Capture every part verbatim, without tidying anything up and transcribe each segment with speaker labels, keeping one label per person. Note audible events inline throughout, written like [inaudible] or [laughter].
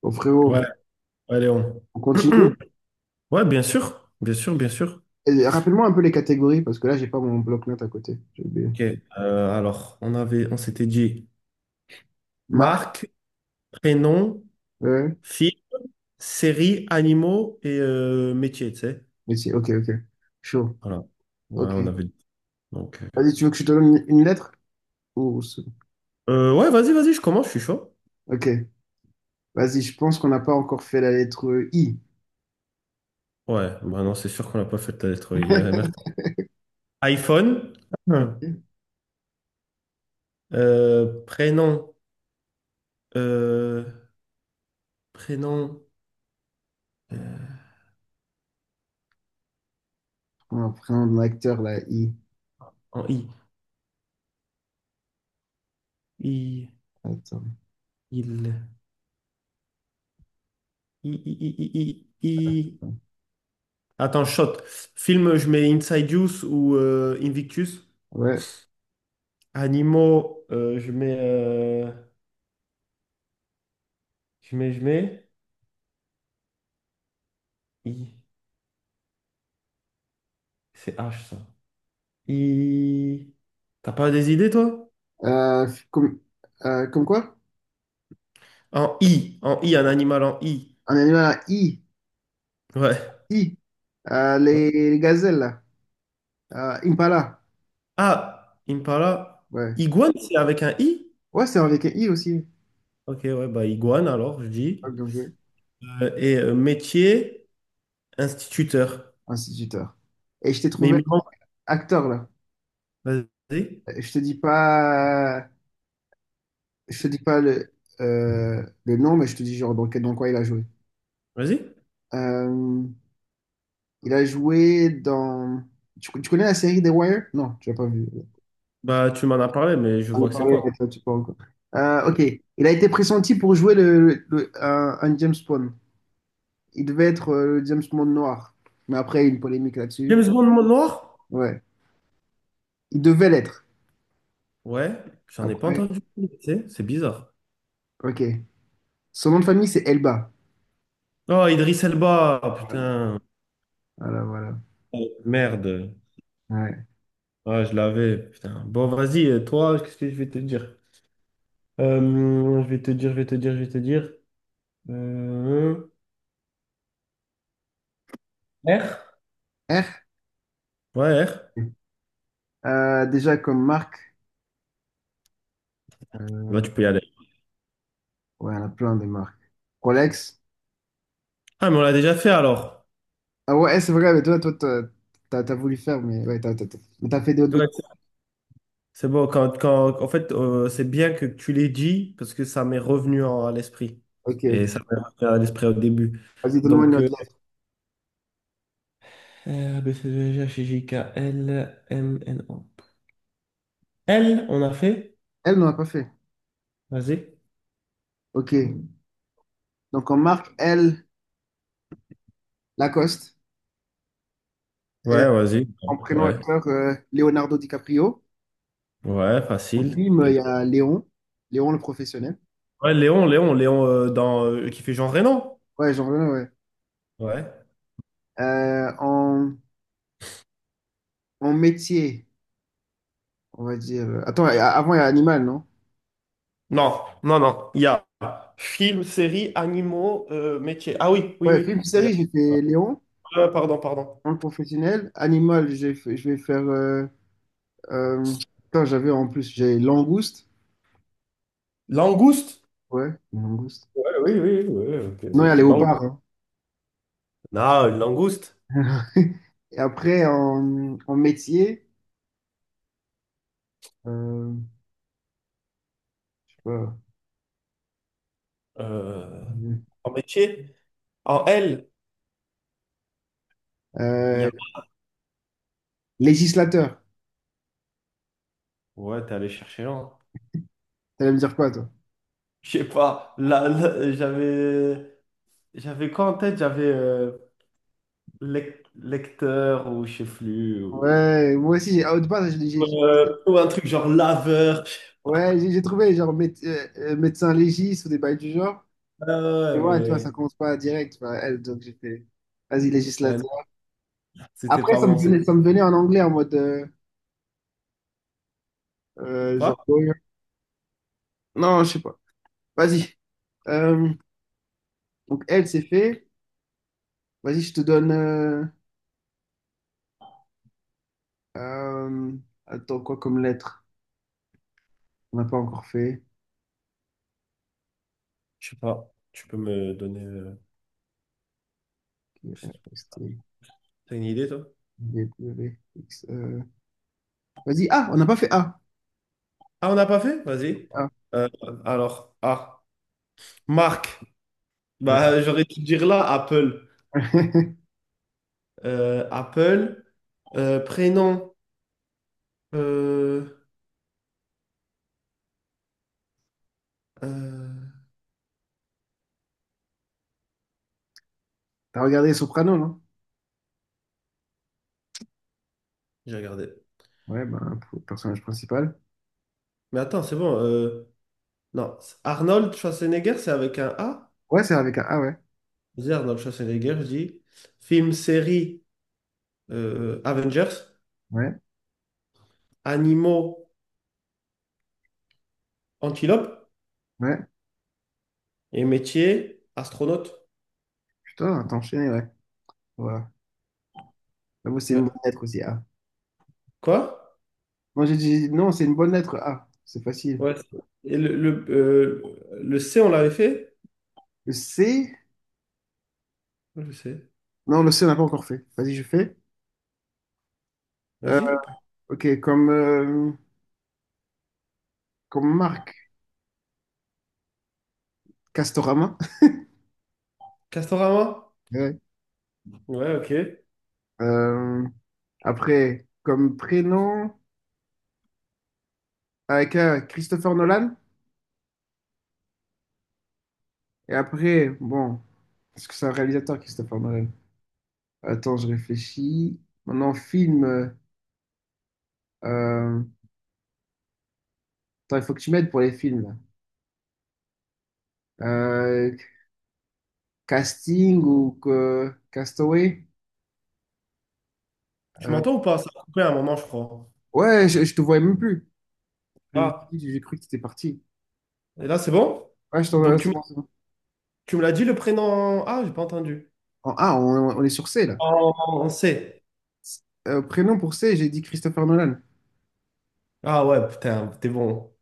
Speaker 1: Bon,
Speaker 2: Ouais,
Speaker 1: frérot,
Speaker 2: ouais, Léon.
Speaker 1: on continue.
Speaker 2: [clears throat] Ouais, bien sûr, bien sûr, bien sûr.
Speaker 1: Et rappelle-moi un peu les catégories, parce que là, j'ai pas mon bloc-notes à côté. J'ai oublié.
Speaker 2: Ok. Euh, alors, on avait, on s'était dit
Speaker 1: Marque,
Speaker 2: marque, prénom,
Speaker 1: ouais.
Speaker 2: fille, série, animaux et euh, métier, tu sais.
Speaker 1: Métier. Ok, ok. Chaud.
Speaker 2: Voilà. Ouais,
Speaker 1: Ok.
Speaker 2: on avait dit. Donc, euh,
Speaker 1: Vas-y, tu veux que je te donne une une lettre? Ou... ce-
Speaker 2: euh, ouais, vas-y, vas-y, je commence, je suis chaud.
Speaker 1: Ok. Vas-y, je pense qu'on n'a pas encore fait la lettre I.
Speaker 2: Ouais, bah non, c'est sûr qu'on n'a pas fait la lettre I. Ouais, merde.
Speaker 1: [laughs]
Speaker 2: iPhone, [clears throat] Hum. Euh, prénom, euh, prénom euh,
Speaker 1: On va prendre l'acteur, la I.
Speaker 2: en I. I,
Speaker 1: Attends.
Speaker 2: il, I, I, I, I, I. Attends, shot. Film, je mets Inside Use ou euh, Invictus.
Speaker 1: Ouais.
Speaker 2: Animaux, euh, je mets, euh, je mets, je mets. I. C'est H ça. I. T'as pas des idées, toi?
Speaker 1: Euh, comme, euh, comme quoi?
Speaker 2: En I. En I, un animal en I.
Speaker 1: Un animal à I.
Speaker 2: Ouais.
Speaker 1: I. Euh,
Speaker 2: Ouais.
Speaker 1: les, les gazelles, là. Euh, Impala.
Speaker 2: Ah, Impala.
Speaker 1: Ouais.
Speaker 2: Iguane, c'est avec un I?
Speaker 1: Ouais, c'est avec un I aussi.
Speaker 2: Ok, ouais, bah iguane alors, je dis.
Speaker 1: Ah, bien joué.
Speaker 2: Euh, et euh, métier, instituteur.
Speaker 1: Instituteur. Et je t'ai
Speaker 2: Mais il
Speaker 1: trouvé
Speaker 2: me manque.
Speaker 1: acteur là.
Speaker 2: Vas-y.
Speaker 1: Je te dis pas, je te dis pas le, euh, le nom, mais je te dis genre dans, quel- dans quoi il a joué.
Speaker 2: Vas-y.
Speaker 1: Euh, il a joué dans. Tu, tu connais la série The Wire? Non, tu l'as pas vu.
Speaker 2: Bah, tu m'en as parlé, mais je
Speaker 1: On en a
Speaker 2: vois que c'est
Speaker 1: parlé, mais
Speaker 2: quoi.
Speaker 1: toi, tu parles encore. Euh, ok. Il a été pressenti pour jouer le, le- le- un, un James Bond. Il devait être euh, le James Bond noir. Mais après, il y a eu une polémique là-dessus.
Speaker 2: James Bond mon noir?
Speaker 1: Ouais. Il devait l'être.
Speaker 2: Ouais, j'en ai pas
Speaker 1: Après,
Speaker 2: entendu parler, tu sais, c'est bizarre.
Speaker 1: ok. Son nom de famille, c'est Elba.
Speaker 2: Oh, Idriss Elba, ah, putain.
Speaker 1: Voilà, voilà.
Speaker 2: Oh, merde.
Speaker 1: Ouais.
Speaker 2: Ah, je l'avais, putain. Bon, vas-y, euh, toi, qu'est-ce que je vais te dire? Euh, je vais te dire, je vais te dire, je vais te dire. Euh, R?
Speaker 1: R.
Speaker 2: Ouais, R.
Speaker 1: Euh, déjà comme marque,
Speaker 2: Bah,
Speaker 1: euh,
Speaker 2: tu peux y aller.
Speaker 1: ouais, on a plein de marques. Rolex.
Speaker 2: Ah, mais on l'a déjà fait alors.
Speaker 1: Ah ouais, c'est vrai, mais toi, toi, t'as, t'as- t'as voulu faire, mais ouais, t'as, t'as- t'as- mais t'as fait d'autres. D'autres-
Speaker 2: Ouais, c'est c'est bon, quand, quand, en fait, euh, c'est bien que tu l'aies dit parce que ça m'est revenu en- à l'esprit.
Speaker 1: Ok,
Speaker 2: Et ça
Speaker 1: ok.
Speaker 2: m'est revenu à l'esprit au début.
Speaker 1: Vas-y, donne-moi une
Speaker 2: Donc, euh,
Speaker 1: autre lettre.
Speaker 2: R, B, C, D, E, F, G, H, I, J, K, L, M, N, O. Elle, on a fait.
Speaker 1: Elle, n'en a pas fait.
Speaker 2: Vas-y.
Speaker 1: Ok. Donc en marque, elle, Lacoste. Et
Speaker 2: Ouais, vas-y.
Speaker 1: en prénom
Speaker 2: Ouais,
Speaker 1: acteur, euh, Leonardo DiCaprio.
Speaker 2: ouais,
Speaker 1: En
Speaker 2: facile.
Speaker 1: film,
Speaker 2: T'es
Speaker 1: il y
Speaker 2: bon.
Speaker 1: a Léon. Léon le professionnel.
Speaker 2: Ouais, Léon, Léon, Léon euh, dans, euh, qui fait Jean Reno.
Speaker 1: Ouais, genre, ouais. Ouais.
Speaker 2: Ouais.
Speaker 1: Euh, en, en métier, on va dire. Attends, avant, il y a Animal, non?
Speaker 2: Non, non, non. Il y a film, série, animaux, euh, métier. Ah oui, oui,
Speaker 1: Ouais,
Speaker 2: oui,
Speaker 1: film,
Speaker 2: oui.
Speaker 1: série, j'ai fait Léon.
Speaker 2: Euh, pardon, pardon.
Speaker 1: En professionnel, animal, j'ai fait- je vais faire. Euh, euh, putain, j'avais en plus, j'ai langouste.
Speaker 2: Langouste?
Speaker 1: Ouais, une langouste.
Speaker 2: Ouais, oui, oui, oui, ok.
Speaker 1: Non, il y a
Speaker 2: Lang-
Speaker 1: léopard. Hein.
Speaker 2: Non, une langouste.
Speaker 1: [laughs] Et après, en, en métier, euh, je sais pas.
Speaker 2: Euh, en métier. En L, il y
Speaker 1: Euh,
Speaker 2: a...
Speaker 1: Législateur.
Speaker 2: Ouais, t'es allé chercher loin.
Speaker 1: T'allais me dire quoi, toi?
Speaker 2: Je sais pas. Là, là, j'avais... J'avais quoi en tête? J'avais euh, lec- lecteur ou je sais plus. Ou,
Speaker 1: Ouais, moi aussi, j'ai. Ah, au départ, j'ai- j'ai-
Speaker 2: ou, euh, ou un truc genre laveur, je sais
Speaker 1: ouais,
Speaker 2: pas.
Speaker 1: j'ai j'ai trouvé genre mé- euh, euh, médecin légiste ou des bails du genre. Et
Speaker 2: Ah
Speaker 1: ouais, tu vois,
Speaker 2: ouais,
Speaker 1: ça commence pas direct. Tu vois, elle, donc j'ai fait. Vas-y,
Speaker 2: mais ouais, non,
Speaker 1: législateur.
Speaker 2: c'était
Speaker 1: Après,
Speaker 2: pas
Speaker 1: ça me
Speaker 2: bon. c'est-
Speaker 1: venait, ça me venait en anglais en mode. Euh, euh,
Speaker 2: Quoi?
Speaker 1: genre, non, je sais pas. Vas-y. Euh, donc, elle, c'est fait. Vas-y, je te donne. euh, euh, attends, quoi comme lettre? On n'a pas encore fait.
Speaker 2: Je sais pas. Tu peux me donner euh,
Speaker 1: Euh, c'était
Speaker 2: t'as une idée, toi?
Speaker 1: V, W, X, euh, vas-y, A, on n'a pas fait A.
Speaker 2: Ah, on n'a pas fait? Vas-y.
Speaker 1: Ah,
Speaker 2: Euh, alors, ah, Marc.
Speaker 1: ouais.
Speaker 2: Bah, j'aurais dû dire là, Apple.
Speaker 1: [laughs]
Speaker 2: Euh, Apple, euh, prénom. Euh, euh,
Speaker 1: T'as regardé Soprano, non?
Speaker 2: j'ai regardé.
Speaker 1: Ouais, ben, pour le personnage principal.
Speaker 2: Mais attends, c'est bon. euh, Non, c'est- Arnold Schwarzenegger, c'est avec un A.
Speaker 1: Ouais, c'est avec un A, ouais.
Speaker 2: Je dis Arnold Schwarzenegger, je dis film, série, euh, Avengers,
Speaker 1: Ouais,
Speaker 2: animaux, antilopes,
Speaker 1: ouais.
Speaker 2: et métier, astronaute.
Speaker 1: Putain, t'as enchaîné, ouais. Voilà. J'avoue, c'est une
Speaker 2: Ouais.
Speaker 1: bonne lettre aussi, A.
Speaker 2: Quoi?
Speaker 1: Non, j'ai dit, non, c'est une bonne lettre, A. C'est facile.
Speaker 2: Ouais. Et le, le, euh, le C, on l'avait fait?
Speaker 1: Le C.
Speaker 2: Ouais, je sais.
Speaker 1: Non, le C, n'a pas encore fait. Vas-y, je fais. Euh,
Speaker 2: Vas-y.
Speaker 1: ok, comme, euh, comme marque, Castorama. [laughs]
Speaker 2: Castorama?
Speaker 1: Ouais.
Speaker 2: Ouais, ok.
Speaker 1: Euh, Après, comme prénom, avec euh, Christopher Nolan. Et après, bon, est-ce que c'est un réalisateur, Christopher Nolan? Attends, je réfléchis. Maintenant, film. euh, euh, attends, il faut que tu m'aides pour les films. Là. Euh, Casting ou que- Castaway?
Speaker 2: Tu
Speaker 1: Euh,
Speaker 2: m'entends ou pas? Ça a coupé à un moment, je crois.
Speaker 1: ouais, je, je te voyais même plus. Je-
Speaker 2: Ah,
Speaker 1: J'ai cru que tu étais parti.
Speaker 2: et là, c'est bon?
Speaker 1: Ouais, je t'en-
Speaker 2: Donc, tu,
Speaker 1: c'est
Speaker 2: m-
Speaker 1: bon, c'est bon.
Speaker 2: tu me l'as dit le prénom? Ah, j'ai pas entendu.
Speaker 1: En- ah, on, on est sur C là.
Speaker 2: En en C.
Speaker 1: Euh, prénom pour C, j'ai dit Christopher Nolan.
Speaker 2: Ah ouais, putain, t'es bon.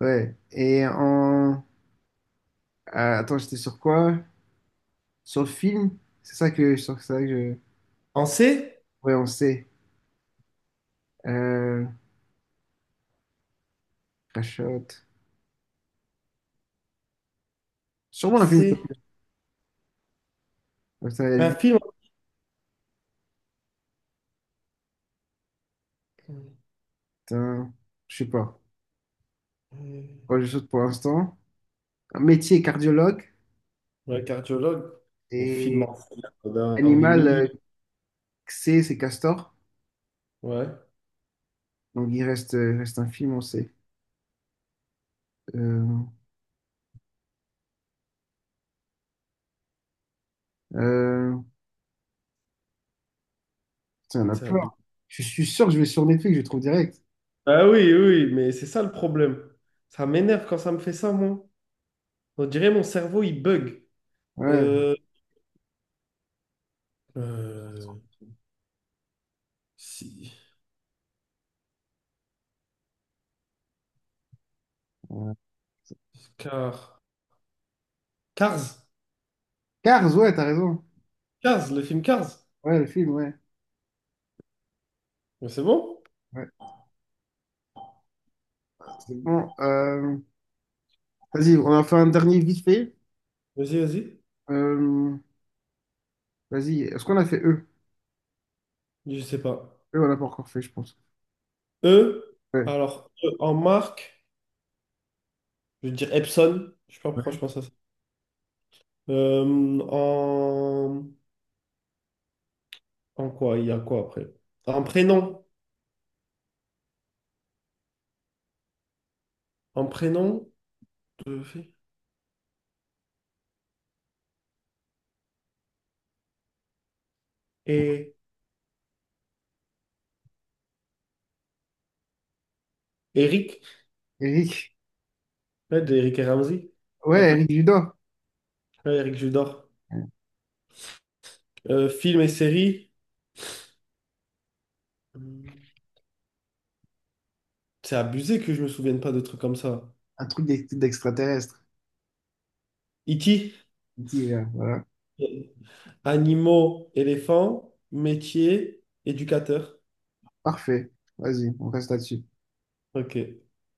Speaker 1: Ouais. Et en. Ah, attends, j'étais sur quoi? Sur le film? C'est ça que, sur ça que je.
Speaker 2: En C?
Speaker 1: Ouais, on sait. Euh, Crashot.
Speaker 2: En
Speaker 1: Sûrement un film.
Speaker 2: C.
Speaker 1: Comme ça, elle dit.
Speaker 2: Un film.
Speaker 1: Putain, je sais pas.
Speaker 2: Euh,
Speaker 1: Ouais, je saute pour l'instant. Un Métier cardiologue
Speaker 2: Ouais, cardiologue. Mais film
Speaker 1: et
Speaker 2: en C, là, on doit en avoir des
Speaker 1: animal
Speaker 2: milliers.
Speaker 1: euh, C, c'est castor.
Speaker 2: Ouais,
Speaker 1: Donc il reste, euh, il reste un film, on sait. Euh, euh, putain, il y en a
Speaker 2: c'est
Speaker 1: plein.
Speaker 2: abusé.
Speaker 1: Je suis sûr que je vais sur Netflix, je le trouve direct.
Speaker 2: Ah oui, oui, oui, mais c'est ça le problème. Ça m'énerve quand ça me fait ça, moi. On dirait mon cerveau, il bug.
Speaker 1: Ouais.
Speaker 2: Euh, euh, si.
Speaker 1: Euh,
Speaker 2: Car. Cars.
Speaker 1: Cars, ouais, t'as raison.
Speaker 2: Cars, le film Cars.
Speaker 1: Ouais, le film, ouais.
Speaker 2: Mais c'est bon?
Speaker 1: Ouais, c'est bon. Euh, vas-y, on a fait un dernier vite fait.
Speaker 2: Vas-y, vas-y.
Speaker 1: Euh, vas-y, est-ce qu'on a fait eux?
Speaker 2: Je sais pas.
Speaker 1: Eux, on l'a pas encore fait, je pense.
Speaker 2: E.
Speaker 1: Ouais.
Speaker 2: Alors, E en marque, je veux dire Epson. Je sais pas pourquoi
Speaker 1: Ouais.
Speaker 2: je pense à ça. Euh, en... En quoi? Il y a quoi après? En prénom. En prénom de fait. Et Eric.
Speaker 1: Eric.
Speaker 2: Ouais, d'Eric et Ramsey.
Speaker 1: Ouais,
Speaker 2: Ah,
Speaker 1: Eric Judor.
Speaker 2: ouais, Eric Judor. Euh, film et série. Hum, C'est abusé que je me souvienne pas de trucs comme ça.
Speaker 1: Un truc d'ex- d'extraterrestre.
Speaker 2: Iti.
Speaker 1: Divers, voilà.
Speaker 2: Animaux, éléphants, métier, éducateur.
Speaker 1: Parfait. Vas-y, on reste là-dessus.
Speaker 2: Ok.